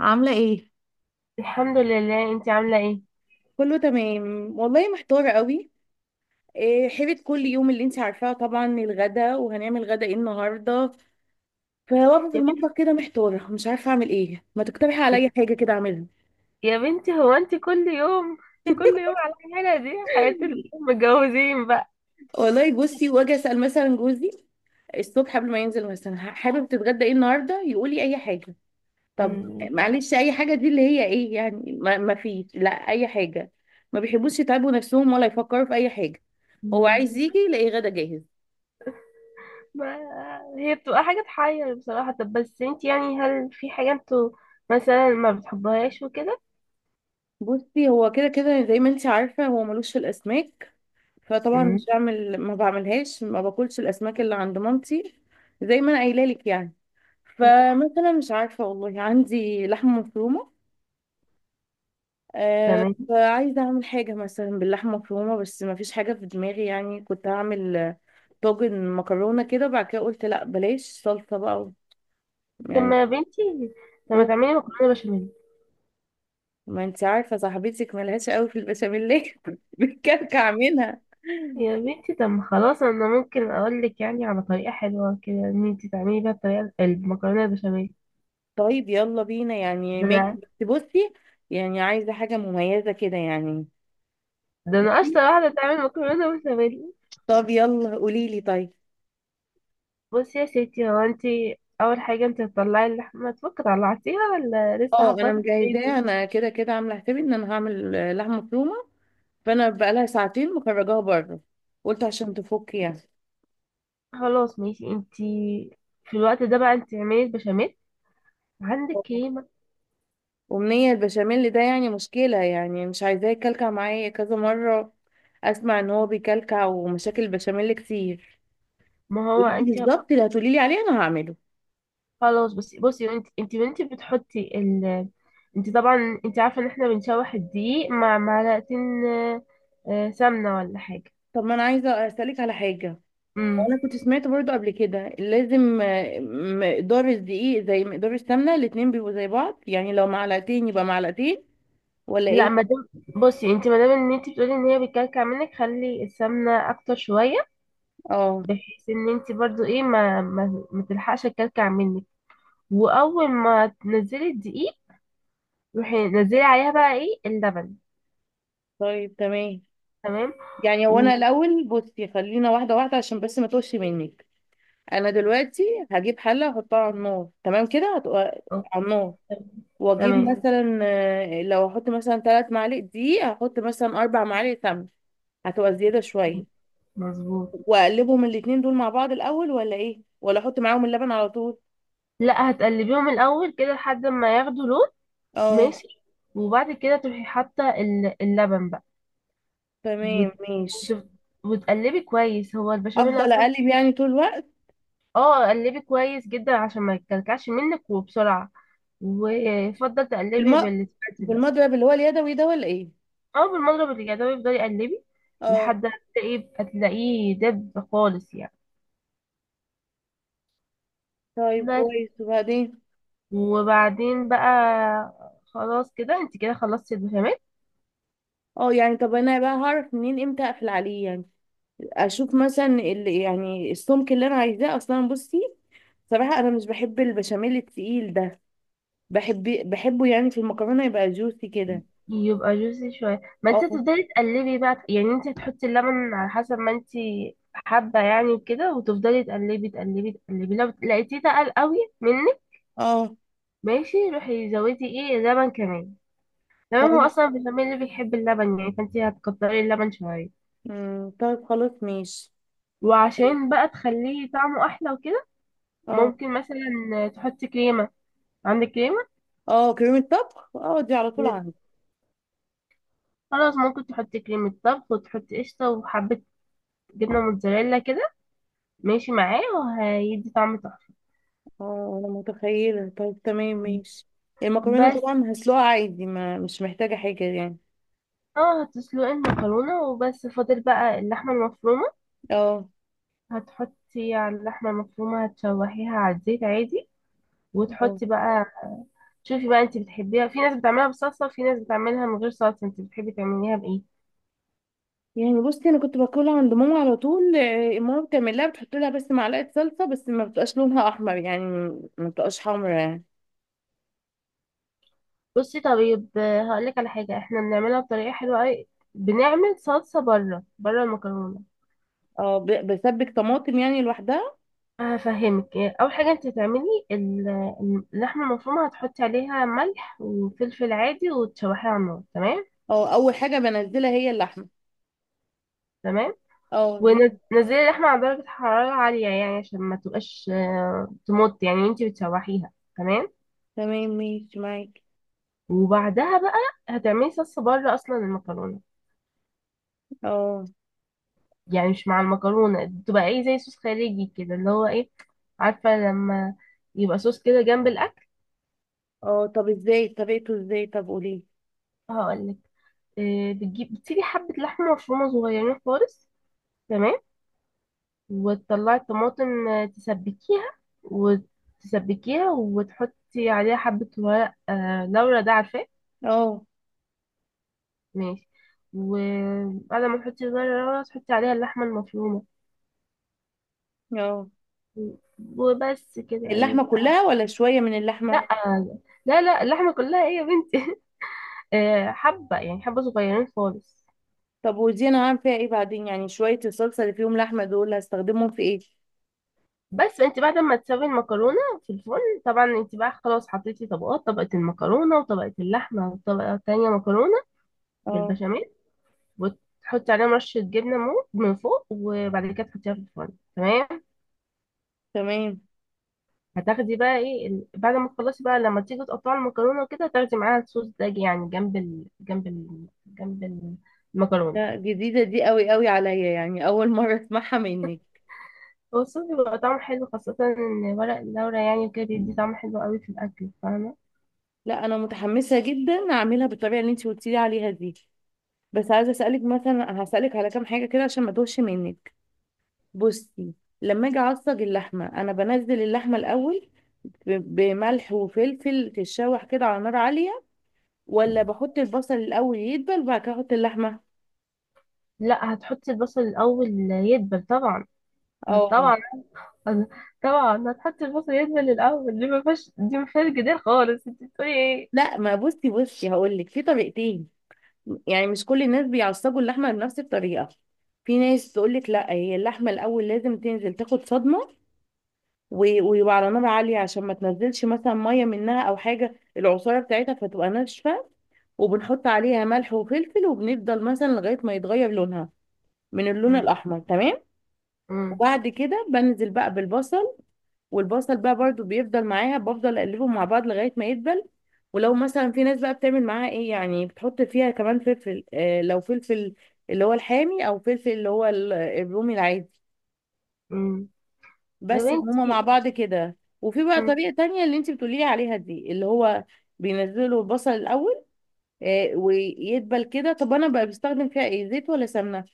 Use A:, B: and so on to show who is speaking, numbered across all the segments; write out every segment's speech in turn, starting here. A: عاملة ايه؟
B: الحمد لله، انت عامله ايه؟
A: كله تمام والله، محتارة قوي. إيه، حيرة كل يوم اللي انت عارفاه. طبعا الغدا، وهنعمل غدا ايه النهاردة؟ فواقفة في
B: يا بنتي،
A: المطبخ كده محتارة، مش عارفة اعمل ايه. ما تقترحي عليا حاجة كده اعملها.
B: يا بنتي، هو انت كل يوم، كل يوم على الحاله دي؟ حياه المتجوزين بقى.
A: والله بصي، واجي اسأل مثلا جوزي الصبح قبل ما ينزل مثلا، حابب تتغدى ايه النهاردة؟ يقول لي اي حاجة. طب
B: مم، لا.
A: معلش، اي حاجة دي اللي هي ايه يعني؟ ما فيش لا اي حاجة. ما بيحبوش يتعبوا نفسهم ولا يفكروا في اي حاجة. هو عايز
B: مم.
A: يجي يلاقي غدا جاهز.
B: ما هي بتبقى حاجه تحير بصراحه. طب بس انت يعني، هل في حاجه انتوا مثلا ما بتحبهاش وكده؟
A: بصي، هو كده كده زي ما انت عارفة، هو ملوش في الأسماك، فطبعا مش
B: مم.
A: بعمل، ما بعملهاش، ما باكلش الأسماك اللي عند مامتي. زي ما أنا قايلة لك يعني. فمثلا مش عارفة والله، عندي لحمة مفرومة، آه،
B: تمام.
A: فعايزة أعمل حاجة مثلا باللحمة المفرومة، بس ما فيش حاجة في دماغي يعني. كنت هعمل طاجن مكرونة كده، بعد كده قلت لا بلاش صلصة بقى
B: طب
A: يعني.
B: ما يا بنتي، طب ما تعملي مكرونه بشاميل.
A: ما انت عارفة صاحبتك ملهاش قوي في البشاميل، بتكلكع منها.
B: يا بنتي، طب ما خلاص، انا ممكن اقول لك يعني على طريقه حلوه كده ان انت تعملي بيها الطريقه، المكرونه البشاميل.
A: طيب، يلا بينا يعني، ماشي، بس بصي، يعني عايزة حاجة مميزة كده يعني.
B: ده انا اشطر واحده تعمل مكرونه بشاميل.
A: طب يلا قوليلي طيب.
B: بصي يا ستي، هو انت اول حاجه انت هتطلعي اللحمه تفك، طلعتيها ولا لسه
A: اه
B: حاطاها
A: انا
B: في
A: مجهزاه،
B: الفريزر؟
A: انا كده كده عامله حسابي ان انا هعمل لحمه مفرومه، فانا بقالها ساعتين مخرجاها بره، قلت عشان تفك يعني.
B: خلاص ماشي، انت في الوقت ده بقى انت اعملي البشاميل. عندك
A: أوه.
B: كريمه؟
A: امنيه، البشاميل ده يعني مشكله، يعني مش عايزاه يكلكع معايا كذا مره. اسمع ان هو بيكلكع، ومشاكل البشاميل كتير.
B: ما هو
A: قوليلي
B: انت.
A: بالظبط اللي هتقوليلي عليه انا هعمله.
B: خلاص بصي، انت وانت بتحطي. انت طبعا، انت عارفه ان احنا بنشوح الدقيق مع معلقتين، سمنه ولا حاجه.
A: طب ما انا عايزه اسالك على حاجه،
B: امم
A: وانا كنت سمعت برضو قبل كده، لازم مقدار الدقيق زي مقدار السمنه، الاتنين بيبقوا زي بعض يعني، لو معلقتين يبقى معلقتين، ولا
B: لا،
A: ايه؟
B: ما دام، بصي انت، ما دام ان انت بتقولي ان هي بتكلكع منك، خلي السمنه اكتر شويه.
A: اه.
B: بحيث ان انت برضو ايه ما تلحقش الكلكع منك. واول ما تنزلي الدقيق، روحي نزلي عليها بقى ايه، اللبن.
A: طيب تمام.
B: تمام.
A: يعني
B: و...
A: هو انا الاول بصي، خلينا واحده واحده عشان بس ما تقولش منك. انا دلوقتي هجيب حله احطها على النار، تمام كده، هتبقى
B: أو-
A: على النار، واجيب تمام.
B: تمام.
A: مثلا لو احط مثلا ثلاث معالق دقيق، هحط مثلا اربع معالق سمنه، هتبقى زياده شويه.
B: مظبوط.
A: واقلبهم الاتنين دول مع بعض الاول ولا ايه؟ ولا احط معاهم اللبن على طول؟
B: لا، هتقلبيهم الاول كده لحد ما ياخدوا لون.
A: اه.
B: ماشي. وبعد كده تروحي حاطه اللبن بقى.
A: تمام
B: وت...
A: ماشي.
B: وت... وتقلبي كويس، هو البشاميل
A: افضل
B: اصلا.
A: اقلب يعني طول الوقت؟
B: اه، قلبي كويس جدا عشان ما يتكلكعش منك وبسرعه. ويفضل تقلبي
A: بالم...
B: بالسباتula.
A: بالمضرب اللي هو اليدوي ده، ولا ايه؟
B: اه، بالمضرب اليدوي يفضل يقلبي.
A: اه.
B: لحد ما هتلاقيه دب خالص يعني.
A: طيب
B: بس.
A: كويس، وبعدين؟
B: وبعدين بقى خلاص كده، انت كده خلصتي البشاميل.
A: اه يعني طب انا بقى هعرف منين امتى اقفل عليه يعني؟ اشوف مثلا اللي يعني السمك اللي انا عايزاه اصلا. بصي، صراحة انا مش بحب البشاميل التقيل ده، بحب، بحبه يعني في المكرونة يبقى جوسي كده.
B: يبقى جوسي شويه، ما
A: اه.
B: انت تفضلي تقلبي بقى يعني. انت هتحطي اللبن على حسب ما انت حابه يعني وكده، وتفضلي تقلبي، تقلبي، تقلبي، لو لقيتيه تقل قوي منك.
A: اه.
B: ماشي، روحي زودي ايه لبن كمان. تمام، هو
A: طيب.
B: اصلا البشاميل اللي بيحب اللبن يعني، فانت هتكتري اللبن شويه.
A: امم، طيب خلاص ماشي.
B: وعشان بقى تخليه طعمه احلى وكده
A: اه.
B: ممكن مثلا تحطي كريمة. عندك كريمة؟
A: اه كريمة طبخ، اه دي على طول
B: مم.
A: عندي.
B: خلاص ممكن تحطي كريمة طبخ، وتحطي قشطة وحبة جبنة موتزاريلا كده، ماشي معاه وهيدي طعم تحفة.
A: اه انا متخيلة، طيب تمام ماشي. المكرونة
B: بس.
A: طبعا هسلقها عادي، ما مش محتاجة حاجة يعني.
B: اه، هتسلقي المكرونة وبس، فاضل بقى اللحمة المفرومة.
A: اه.
B: هتحطي على اللحمة المفرومة، هتشوحيها على الزيت عادي،
A: اه
B: وتحطي بقى. شوفي بقى، انت بتحبيها، في ناس بتعملها بصلصة وفي ناس بتعملها من غير صلصة، انت بتحبي تعمليها بإيه؟
A: يعني بصي، انا كنت باكلها عند ماما على طول، ماما بتعملها بتحط لها بس معلقة صلصة، بس ما بتبقاش لونها احمر يعني، ما بتبقاش حمرا يعني.
B: بصي طيب، هقولك على حاجة احنا بنعملها بطريقة حلوة اوي. بنعمل صلصة بره، بره المكرونة.
A: اه، بسبك طماطم يعني لوحدها؟
B: هفهمك. اول حاجة انت تعملي اللحمة المفرومة، هتحطي عليها ملح وفلفل عادي، وتشوحيها على النار، تمام.
A: اه، اول حاجة بنزلها هي اللحمة.
B: تمام.
A: اه.
B: ونزلي اللحمة على درجة حرارة عالية يعني عشان ما تبقاش تموت يعني وانت بتشوحيها. تمام.
A: تمام ماشي معاكي.
B: وبعدها بقى، هتعملي صلصة بره اصلا المكرونة.
A: اه.
B: يعني مش مع المكرونة، بتبقى ايه زي صوص خارجي كده، اللي هو ايه، عارفة؟ لما يبقى صوص كده جنب الأكل.
A: اه طب ازاي طريقته ازاي؟ طب قولي.
B: هقولك. إيه، بتسيبي حبة لحمة مفرومة صغيرين خالص. تمام. وتطلعي الطماطم، تسبكيها. وتسبكيها وتحطي عليها حبة ورق لورا ده، عارفاه؟
A: اه.
B: ماشي. وبعد ما تحطي ورق لورا، تحطي عليها اللحمة المفرومة.
A: اه،
B: وبس كده، أيوة.
A: اللحمة كلها ولا شوية من اللحمة؟
B: لا، لا، لا، اللحمة كلها ايه يا بنتي؟ حبة يعني حبة صغيرين خالص.
A: طب ودي انا هعمل فيها ايه بعدين يعني؟ شوية الصلصة اللي فيهم لحمة دول هستخدمهم في ايه؟
B: بس انت بعد ما تسوي المكرونة في الفرن طبعا، انت بقى خلاص حطيتي طبقة المكرونة وطبقة اللحمة وطبقة تانية مكرونة
A: اه.
B: بالبشاميل. وتحطي عليهم رشة جبنة من فوق، وبعد كده تحطيها في الفرن. تمام.
A: تمام.
B: هتاخدي بقى ايه بعد ما تخلصي بقى لما تيجي تقطعي المكرونة وكده، تاخدي معاها الصوص ده يعني جنب المكرونة.
A: لا، جديدة دي قوي قوي عليا يعني، اول مرة اسمعها منك.
B: هو الصوص بيبقى طعمه حلو، خاصة ان ورق اللورة يعني كده بيدي طعم حلو قوي في الأكل، فاهمة؟
A: لا انا متحمسة جدا اعملها بالطريقة اللي انت قلتي لي عليها دي. بس عايزة اسألك مثلا، هسألك على كام حاجة كده عشان ما توهش منك. بصي، لما اجي اعصج اللحمة، انا بنزل اللحمة الاول ب- بملح وفلفل تتشوح كده على نار عالية، ولا بحط البصل الاول يدبل وبعد كده احط اللحمة؟
B: لا، هتحطي البصل الاول يدبل طبعا. آه،
A: اه.
B: طبعا. طبعا هتحطي البصل يدبل الاول، دي ما فيهاش جدال خالص. انت بتقولي ايه؟
A: لا ما بصي بصي، هقول لك في طريقتين، يعني مش كل الناس بيعصجوا اللحمه بنفس الطريقه. في ناس تقول لك لا، هي اللحمه الاول لازم تنزل تاخد صدمه، ويبقى على نار عاليه عشان ما تنزلش مثلا ميه منها او حاجه، العصاره بتاعتها، فتبقى ناشفه. وبنحط عليها ملح وفلفل، وبنفضل مثلا لغايه ما يتغير لونها من اللون
B: مم.
A: الاحمر، تمام.
B: مم.
A: وبعد كده بنزل بقى بالبصل، والبصل بقى برضو بيفضل معاها، بفضل اقلبهم مع بعض لغايه ما يدبل. ولو مثلا في ناس بقى بتعمل معاها ايه يعني، بتحط فيها كمان فلفل، آه لو فلفل اللي هو الحامي، او فلفل اللي هو الرومي العادي،
B: مم. يا
A: بس إن هما مع
B: بنتي.
A: بعض كده. وفي بقى
B: مم.
A: طريقه تانية اللي انت بتقولي لي عليها دي، اللي هو بينزلوا البصل الاول، آه ويدبل كده. طب انا بقى بستخدم فيها ايه، زيت ولا سمنه؟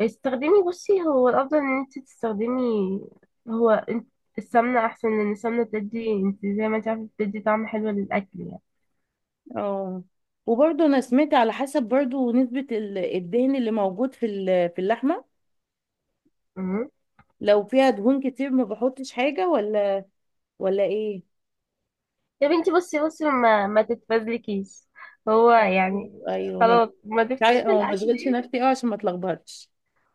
B: استخدمي. بصي هو الافضل ان انت تستخدمي. هو انت السمنه احسن، لان السمنه بتدي، انت زي ما انت عارفه، بتدي طعم حلو للاكل يعني.
A: اه. وبرضه انا سمعت على حسب برضه نسبه الدهن اللي موجود في في اللحمه،
B: مم.
A: لو فيها دهون كتير ما بحطش حاجة، ولا ولا ايه؟
B: يا بنتي، بصي ما تتفزلكيش هو يعني.
A: ايوه ماشي.
B: خلاص، ما تفتيش في
A: اه ما
B: الاكل.
A: اشغلش نفسي، اه عشان ما اتلخبطش.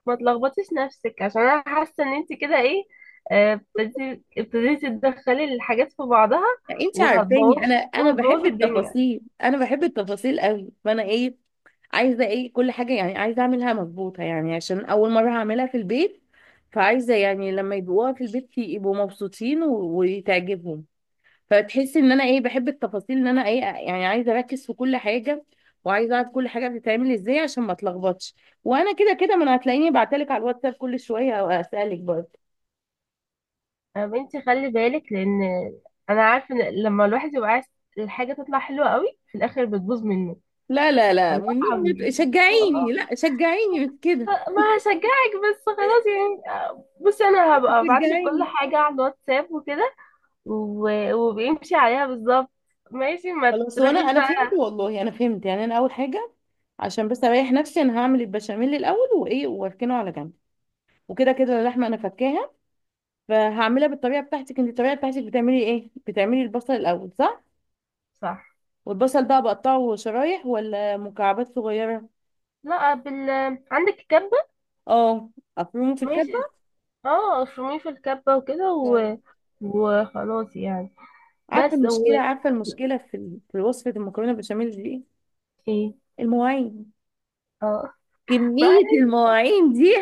B: ما تلخبطيش نفسك عشان انا حاسه ان انت كده ايه، ابتديتي تدخلي الحاجات في بعضها.
A: انت عارفاني
B: وهتبوظ
A: انا بحب
B: وهتبوظ الدنيا.
A: التفاصيل، انا بحب التفاصيل قوي، فانا ايه، عايزه ايه كل حاجه يعني، عايزه اعملها مظبوطه يعني، عشان اول مره هعملها في البيت. فعايزه يعني لما يدوقوها في البيت يبقوا مبسوطين، وتعجبهم. فتحسي ان انا ايه، بحب التفاصيل، ان انا ايه يعني عايزه اركز في كل حاجه، وعايزه اعرف كل حاجه بتتعمل ازاي عشان ما اتلخبطش. وانا كده كده، ما أنا هتلاقيني بعتلك على الواتساب كل شويه، او اسالك برضه.
B: يا بنتي، خلي بالك، لان انا عارفه ان لما الواحد يبقى عايز الحاجه تطلع حلوه قوي، في الاخر بتبوظ منه.
A: لا لا لا،
B: الله
A: والنبي، ما ت-
B: عظيم
A: شجعيني،
B: والله.
A: لا شجعيني، مش كده.
B: ما هشجعك، بس خلاص يعني. بصي انا هبقى ابعت لك كل
A: شجعيني.
B: حاجه على الواتساب وكده وبيمشي عليها بالظبط. ماشي، ما
A: خلاص، وانا
B: تروحيش
A: انا
B: بقى.
A: فهمت والله، انا فهمت يعني. انا اول حاجه، عشان بس اريح نفسي، انا هعمل البشاميل الاول، وايه، واركنه على جنب، وكده كده اللحمه انا فكاها، فهعملها بالطريقه بتاعتك. انت الطريقه بتاعتك بتعملي ايه؟ بتعملي البصل الاول، صح؟
B: صح.
A: والبصل بقى بقطعه شرايح ولا مكعبات صغيرة؟
B: لا. عندك كبة؟
A: اه، افرمه في
B: ماشي.
A: الكبة.
B: اه، افرميه في الكبة وكده
A: طيب.
B: و... وخلاص يعني.
A: عارفة
B: بس هو
A: المشكلة، عارفة المشكلة في في وصفة المكرونة بشاميل دي إيه؟
B: ايه.
A: المواعين،
B: اه.
A: كمية
B: معلش.
A: المواعين دي،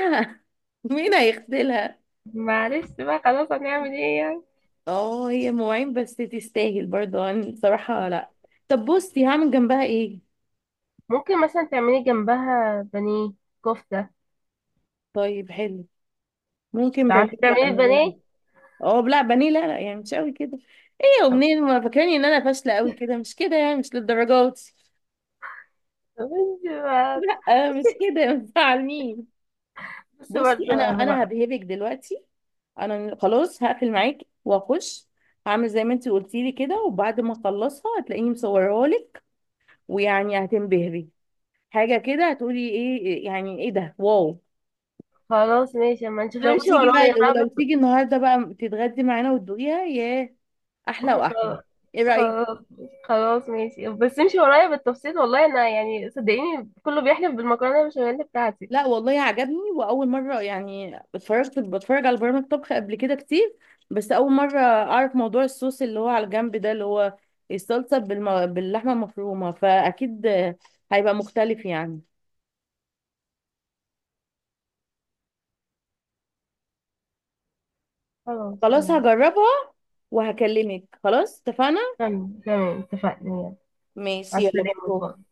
A: مين هيغسلها؟
B: معلش بقى، خلاص هنعمل ايه يعني.
A: اه، هي مواعين بس تستاهل برضه يعني، بصراحة، لا. طب بصي، هعمل جنبها ايه؟
B: ممكن مثلا تعملي جنبها بانيه، كفتة.
A: طيب حلو. ممكن بانيه
B: تعرفي
A: بقى،
B: تعملي البانيه؟
A: اه لا بانيه لا لا، يعني مش قوي كده. ايه يا
B: طب-
A: منين، ما فاكراني ان انا فاشلة قوي كده، مش كده يعني، مش للدرجات.
B: طب انت بقى-
A: لا مش
B: بصي
A: كده، ما تزعلنيش.
B: بصي
A: بصي،
B: برضه
A: انا انا
B: بقى.
A: هبهبك دلوقتي، انا خلاص هقفل معاكي واخش، هعمل زي ما انت قلتي لي كده، وبعد ما اخلصها هتلاقيني مصوراها لك، ويعني هتنبهري. حاجه كده، هتقولي ايه، يعني ايه ده، واو.
B: خلاص ماشي اما نشوف،
A: لو
B: امشي
A: تيجي
B: ورايا
A: بقى،
B: بقى.
A: ولو تيجي النهارده بقى تتغدي معانا وتدوقيها، ياه، احلى واحلى.
B: خلاص،
A: ايه رايك؟
B: خلاص، خلاص ماشي، بس امشي ورايا بالتفصيل، والله انا يعني صدقيني كله بيحلف بالمكرونه البشاميل بتاعتي.
A: لا والله عجبني. واول مره يعني، اتفرجت، بتفرج على برامج طبخ قبل كده كتير، بس اول مره اعرف موضوع الصوص اللي هو على الجنب ده، اللي هو الصلصه باللحمه المفرومه، فاكيد هيبقى مختلف يعني.
B: خلاص
A: خلاص
B: تمام.
A: هجربها، وهكلمك. خلاص، اتفقنا.
B: تمام، تمام، اتفقنا، يلا. مع
A: ماشي، يلا باي
B: السلامه، باي.
A: باي.